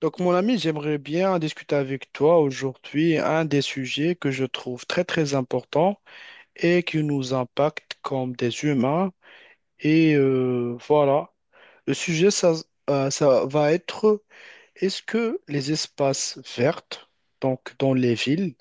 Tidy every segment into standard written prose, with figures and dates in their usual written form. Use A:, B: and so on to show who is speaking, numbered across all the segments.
A: Donc, mon ami, j'aimerais bien discuter avec toi aujourd'hui un des sujets que je trouve très, très important et qui nous impacte comme des humains. Et voilà, le sujet, ça, ça va être est-ce que les espaces verts, donc dans les villes,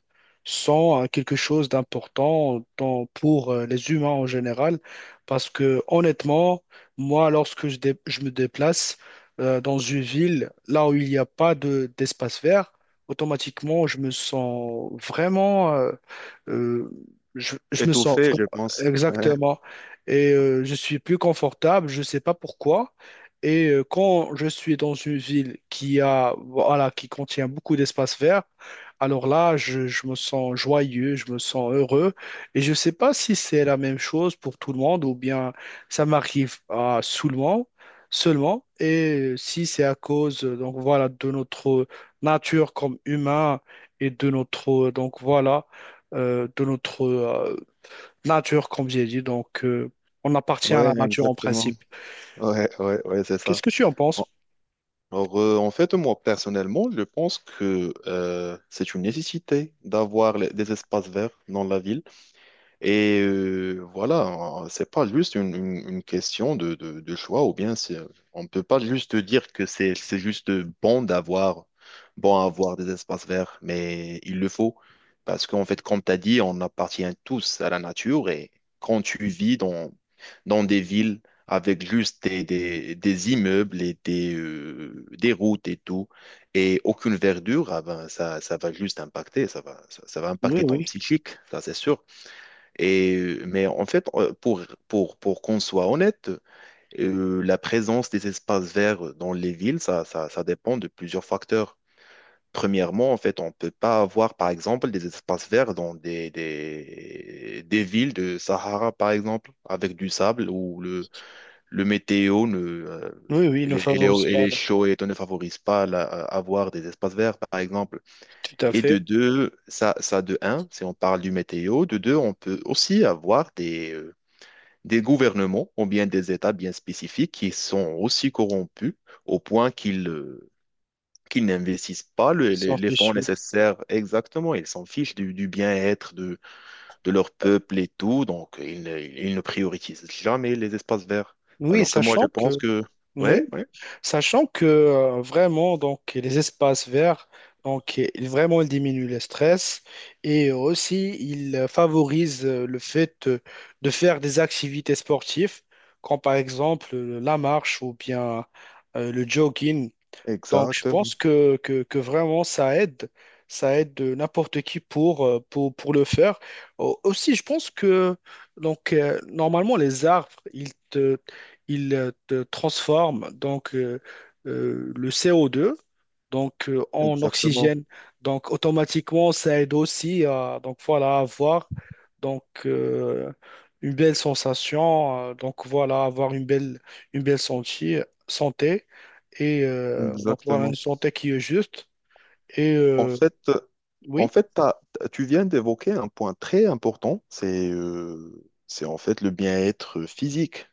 A: sont quelque chose d'important pour les humains en général? Parce que honnêtement, moi, lorsque je me déplace dans une ville, là où il n'y a pas d'espace vert, automatiquement, je me sens vraiment... euh, je me sens
B: Étouffé, je
A: vraiment-
B: pense. Ouais,
A: exactement. Et je suis plus confortable, je ne sais pas pourquoi. Et quand je suis dans une ville qui a, voilà, qui contient beaucoup d'espace vert, alors là, je me sens joyeux, je me sens heureux. Et je ne sais pas si c'est la même chose pour tout le monde ou bien ça m'arrive à seulement, seulement. Et si c'est à cause, donc voilà, de notre nature comme humain et de notre, donc voilà, de notre nature comme j'ai dit. Donc, on appartient à
B: ouais,
A: la nature en
B: exactement.
A: principe.
B: Ouais, ouais, ouais, c'est
A: Qu'est-ce
B: ça.
A: que tu en
B: En-
A: penses?
B: Alors, en fait, moi, personnellement, je pense que c'est une nécessité d'avoir des espaces verts dans la ville. Et voilà, c'est pas juste une question de choix, ou bien on ne peut pas juste dire que c'est juste bon d'avoir bon à avoir des espaces verts, mais il le faut. Parce qu'en fait, comme tu as dit, on appartient tous à la nature et quand tu vis dans des villes avec juste des immeubles et des routes et tout, et aucune verdure, ah ben, ça va juste impacter, ça va, ça va
A: Oui,
B: impacter ton
A: oui.
B: psychique, ça c'est sûr. Et, mais en fait, pour qu'on soit honnête, la présence des espaces verts dans les villes, ça dépend de plusieurs facteurs. Premièrement, en fait, on ne peut pas avoir, par exemple, des espaces verts dans des villes de Sahara, par exemple, avec du sable où le météo ne,
A: Oui, oui,
B: et
A: ne
B: les, et les,
A: favorise
B: et
A: pas,
B: les
A: là.
B: chauds et tout ne favorisent pas à avoir des espaces verts, par exemple.
A: Tout à
B: Et de
A: fait.
B: deux, ça de un, si on parle du météo, de deux, on peut aussi avoir des gouvernements ou bien des États bien spécifiques qui sont aussi corrompus au point qu'ils n'investissent pas
A: Ils s'en
B: les fonds
A: fichent, oui.
B: nécessaires exactement. Ils s'en fichent du bien-être de leur peuple et tout, donc ils ne priorisent jamais les espaces verts.
A: Oui,
B: Alors que moi, je
A: sachant
B: pense
A: que,
B: que...
A: oui,
B: Ouais, ouais,
A: sachant que vraiment, donc, les espaces verts, donc, vraiment, ils diminuent le stress et aussi, ils favorisent le fait de faire des activités sportives, comme par exemple la marche ou bien le jogging. Donc, je
B: exactement,
A: pense que vraiment, ça aide. Ça aide n'importe qui pour, pour le faire. Aussi, je pense que donc, normalement, les arbres, ils te transforment le CO2 en
B: exactement,
A: oxygène. Donc automatiquement, ça aide aussi à donc voilà, à avoir donc, une belle sensation, donc voilà, avoir une belle santé, santé et donc voilà, une
B: exactement.
A: santé qui est juste. Et
B: En fait,
A: oui,
B: tu viens d'évoquer un point très important, c'est en fait le bien-être physique.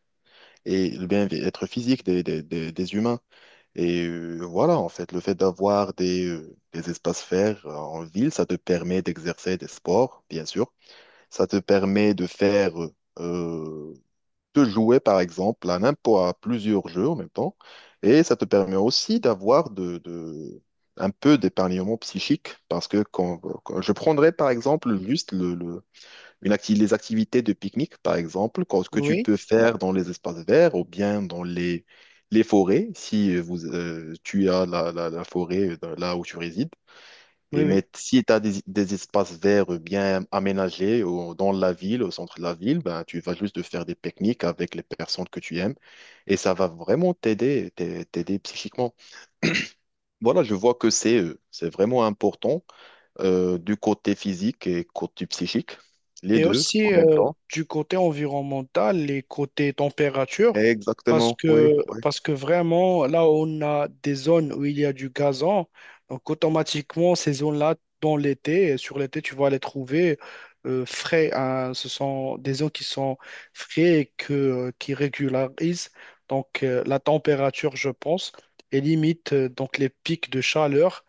B: Et le bien-être physique des humains. Et voilà, en fait, le fait d'avoir des espaces verts en ville, ça te permet d'exercer des sports, bien sûr. Ça te permet de faire, euh, de jouer, par exemple, à n'importe à plusieurs jeux en même temps. Et ça te permet aussi d'avoir un peu d'épargnement psychique, parce que je prendrais, par exemple, juste le une les activités de pique-nique, par exemple, que tu
A: oui,
B: peux faire dans les espaces verts ou bien dans les forêts, si tu as la forêt là où tu résides. Et,
A: oui, oui.
B: mais si tu as des espaces verts bien aménagés dans la ville, au centre de la ville, ben, tu vas juste faire des pique-niques avec les personnes que tu aimes et ça va vraiment t'aider psychiquement. Voilà, je vois que c'est vraiment important du côté physique et côté psychique, les
A: Et
B: deux en
A: aussi
B: même temps.
A: du côté environnemental et côté température, parce
B: Exactement,
A: que,
B: oui, oui.
A: parce que vraiment, là où on a des zones où il y a du gazon, donc automatiquement, ces zones-là, dans l'été, et sur l'été, tu vas les trouver frais. Hein. Ce sont des zones qui sont frais et que, qui régularisent donc, la température, je pense, et limite donc les pics de chaleur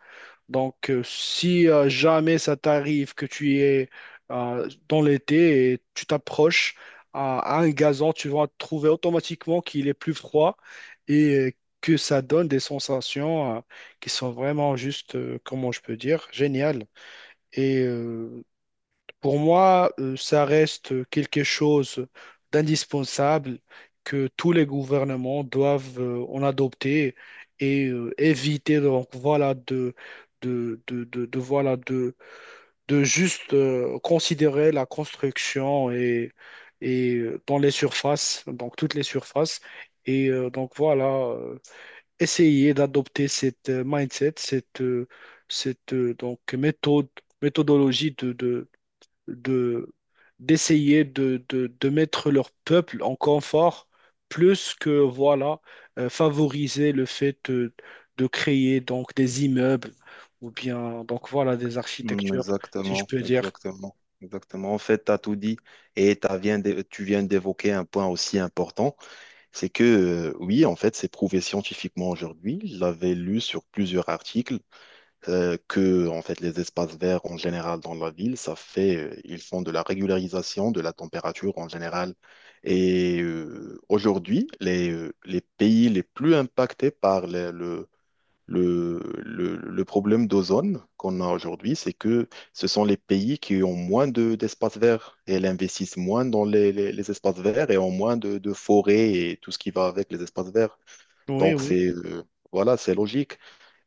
A: donc, si jamais ça t'arrive que tu es dans l'été et tu t'approches à un gazon, tu vas trouver automatiquement qu'il est plus froid et que ça donne des sensations qui sont vraiment juste, comment je peux dire, géniales. Et pour moi, ça reste quelque chose d'indispensable que tous les gouvernements doivent en adopter et éviter donc voilà voilà de juste considérer la construction et dans les surfaces donc toutes les surfaces et donc voilà essayer d'adopter cette mindset cette donc méthode méthodologie de d'essayer de mettre leur peuple en confort plus que voilà favoriser le fait de créer donc des immeubles ou bien donc voilà des
B: Mm,
A: architectures si je
B: exactement,
A: peux dire.
B: exactement, exactement. En fait, tu as tout dit et tu viens d'évoquer un point aussi important, c'est que oui, en fait, c'est prouvé scientifiquement aujourd'hui. Je l'avais lu sur plusieurs articles que en fait les espaces verts en général dans la ville, ça fait ils font de la régularisation de la température en général. Et aujourd'hui, les pays les plus impactés par Le, le problème d'ozone qu'on a aujourd'hui, c'est que ce sont les pays qui ont moins d'espaces verts et elles investissent moins dans les espaces verts et ont moins de forêts et tout ce qui va avec les espaces verts.
A: Oui,
B: Donc,
A: oui,
B: c'est voilà, c'est logique.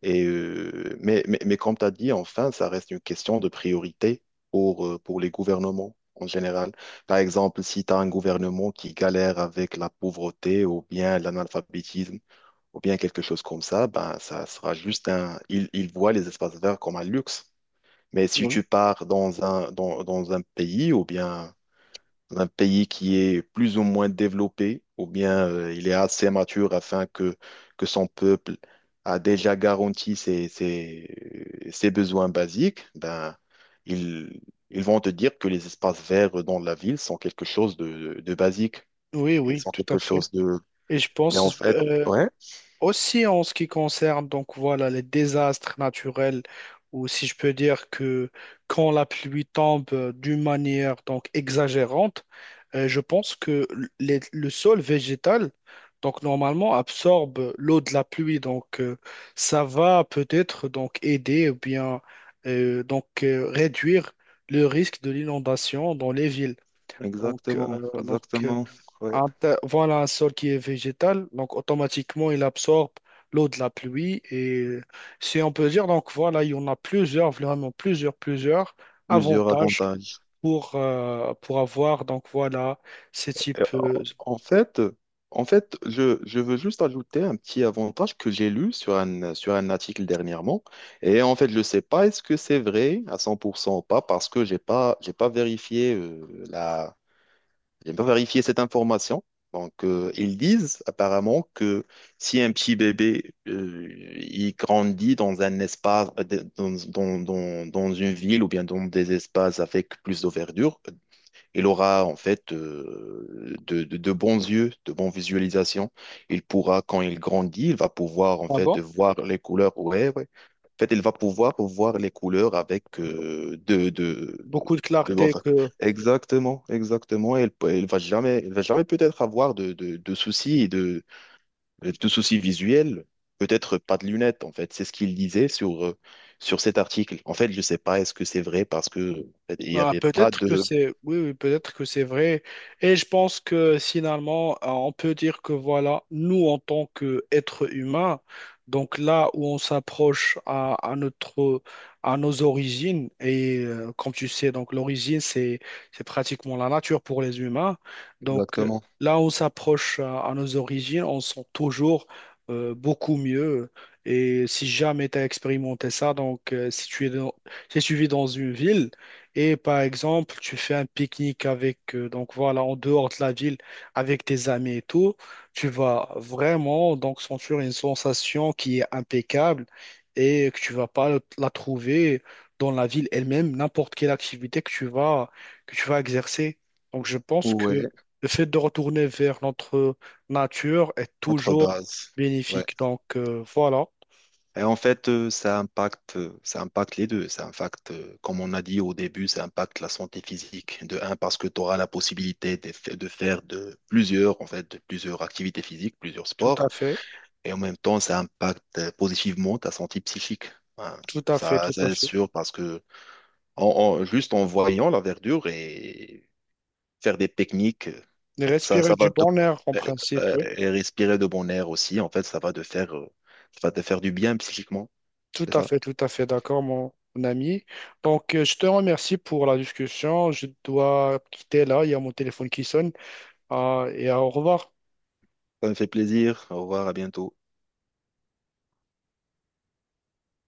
B: Et, mais comme tu as dit, enfin, ça reste une question de priorité pour les gouvernements en général. Par exemple, si tu as un gouvernement qui galère avec la pauvreté ou bien l'analphabétisme, ou bien quelque chose comme ça, ben, ça sera juste un. Ils voient les espaces verts comme un luxe. Mais si
A: oui,
B: tu pars dans dans un pays, ou bien un pays qui est plus ou moins développé, ou bien il est assez mature afin que son peuple a déjà garanti ses besoins basiques, ben, ils, ils vont te dire que les espaces verts dans la ville sont quelque chose de basique
A: oui,
B: et
A: oui,
B: sont
A: tout à
B: quelque
A: fait.
B: chose de.
A: Et je
B: Mais
A: pense,
B: en fait,
A: euh,
B: ouais.
A: Aussi en ce qui concerne donc voilà les désastres naturels ou si je peux dire que quand la pluie tombe d'une manière donc exagérante, je pense que le sol végétal donc normalement absorbe l'eau de la pluie ça va peut-être donc aider ou bien réduire le risque de l'inondation dans les villes. Donc,
B: Exactement,
A: euh, donc euh,
B: exactement. Ouais.
A: voilà un sol qui est végétal, donc automatiquement il absorbe l'eau de la pluie et si on peut dire, donc voilà, il y en a plusieurs, vraiment plusieurs
B: Plusieurs
A: avantages
B: avantages.
A: pour avoir, donc voilà, ces
B: Et,
A: types
B: en en fait, En fait, je veux juste ajouter un petit avantage que j'ai lu sur un article dernièrement. Et en fait, je ne sais pas est-ce que c'est vrai à 100% ou pas parce que j'ai pas vérifié j'ai pas vérifié cette information. Donc, ils disent apparemment que si un petit bébé il grandit dans un espace, dans une ville ou bien dans des espaces avec plus de verdure, il aura en fait de bons yeux, de bonnes visualisations. Il pourra, quand il grandit, il va pouvoir en
A: ah
B: fait
A: bon,
B: voir les couleurs. Ouais, ouais. En fait, il va pouvoir voir les couleurs avec
A: beaucoup de clarté
B: enfin,
A: que
B: exactement, exactement. Il, peut- il va jamais, Il va jamais peut-être avoir de soucis visuels. Peut-être pas de lunettes, en fait. C'est ce qu'il disait sur cet article. En fait, je sais pas, est-ce que c'est vrai parce que en fait, il n'y
A: Ah,
B: avait pas
A: peut-être que
B: de...
A: c'est oui, oui, peut-être que c'est vrai. Et je pense que finalement, on peut dire que voilà, nous en tant qu'êtres humains, donc là où on s'approche à notre à nos origines, et comme tu sais, donc l'origine, c'est pratiquement la nature pour les humains. Donc
B: Exactement.
A: là où on s'approche à nos origines, on sent toujours beaucoup mieux. Et si jamais tu as expérimenté ça, donc si tu es dans, si tu vis dans une ville, et par exemple, tu fais un pique-nique avec, donc voilà, en dehors de la ville, avec tes amis et tout, tu vas vraiment donc sentir une sensation qui est impeccable et que tu vas pas la trouver dans la ville elle-même, n'importe quelle activité que tu vas exercer. Donc je pense que
B: Ouais,
A: le fait de retourner vers notre nature est
B: entre
A: toujours
B: bases. Ouais.
A: bénéfique. Donc voilà,
B: Et en fait, ça impacte les deux. Ça impacte, comme on a dit au début, ça impacte la santé physique. De un, parce que tu auras la possibilité de faire de plusieurs, en fait, de plusieurs activités physiques, plusieurs
A: tout
B: sports.
A: à fait,
B: Et en même temps, ça impacte positivement ta santé psychique. Hein.
A: tout à fait,
B: Ça,
A: tout
B: ça
A: à
B: c'est
A: fait.
B: sûr, parce que juste en voyant la verdure et faire des techniques.
A: Et
B: Ça,
A: respirer
B: ça
A: du
B: va te,
A: bon air en principe, oui.
B: et respirer de bon air aussi, en fait, ça va te faire, ça va te faire du bien psychiquement, c'est ça?
A: Tout à fait d'accord, mon ami. Donc, je te remercie pour la discussion. Je dois quitter là, il y a mon téléphone qui sonne. Ah, et au revoir.
B: Ça me fait plaisir. Au revoir, à bientôt.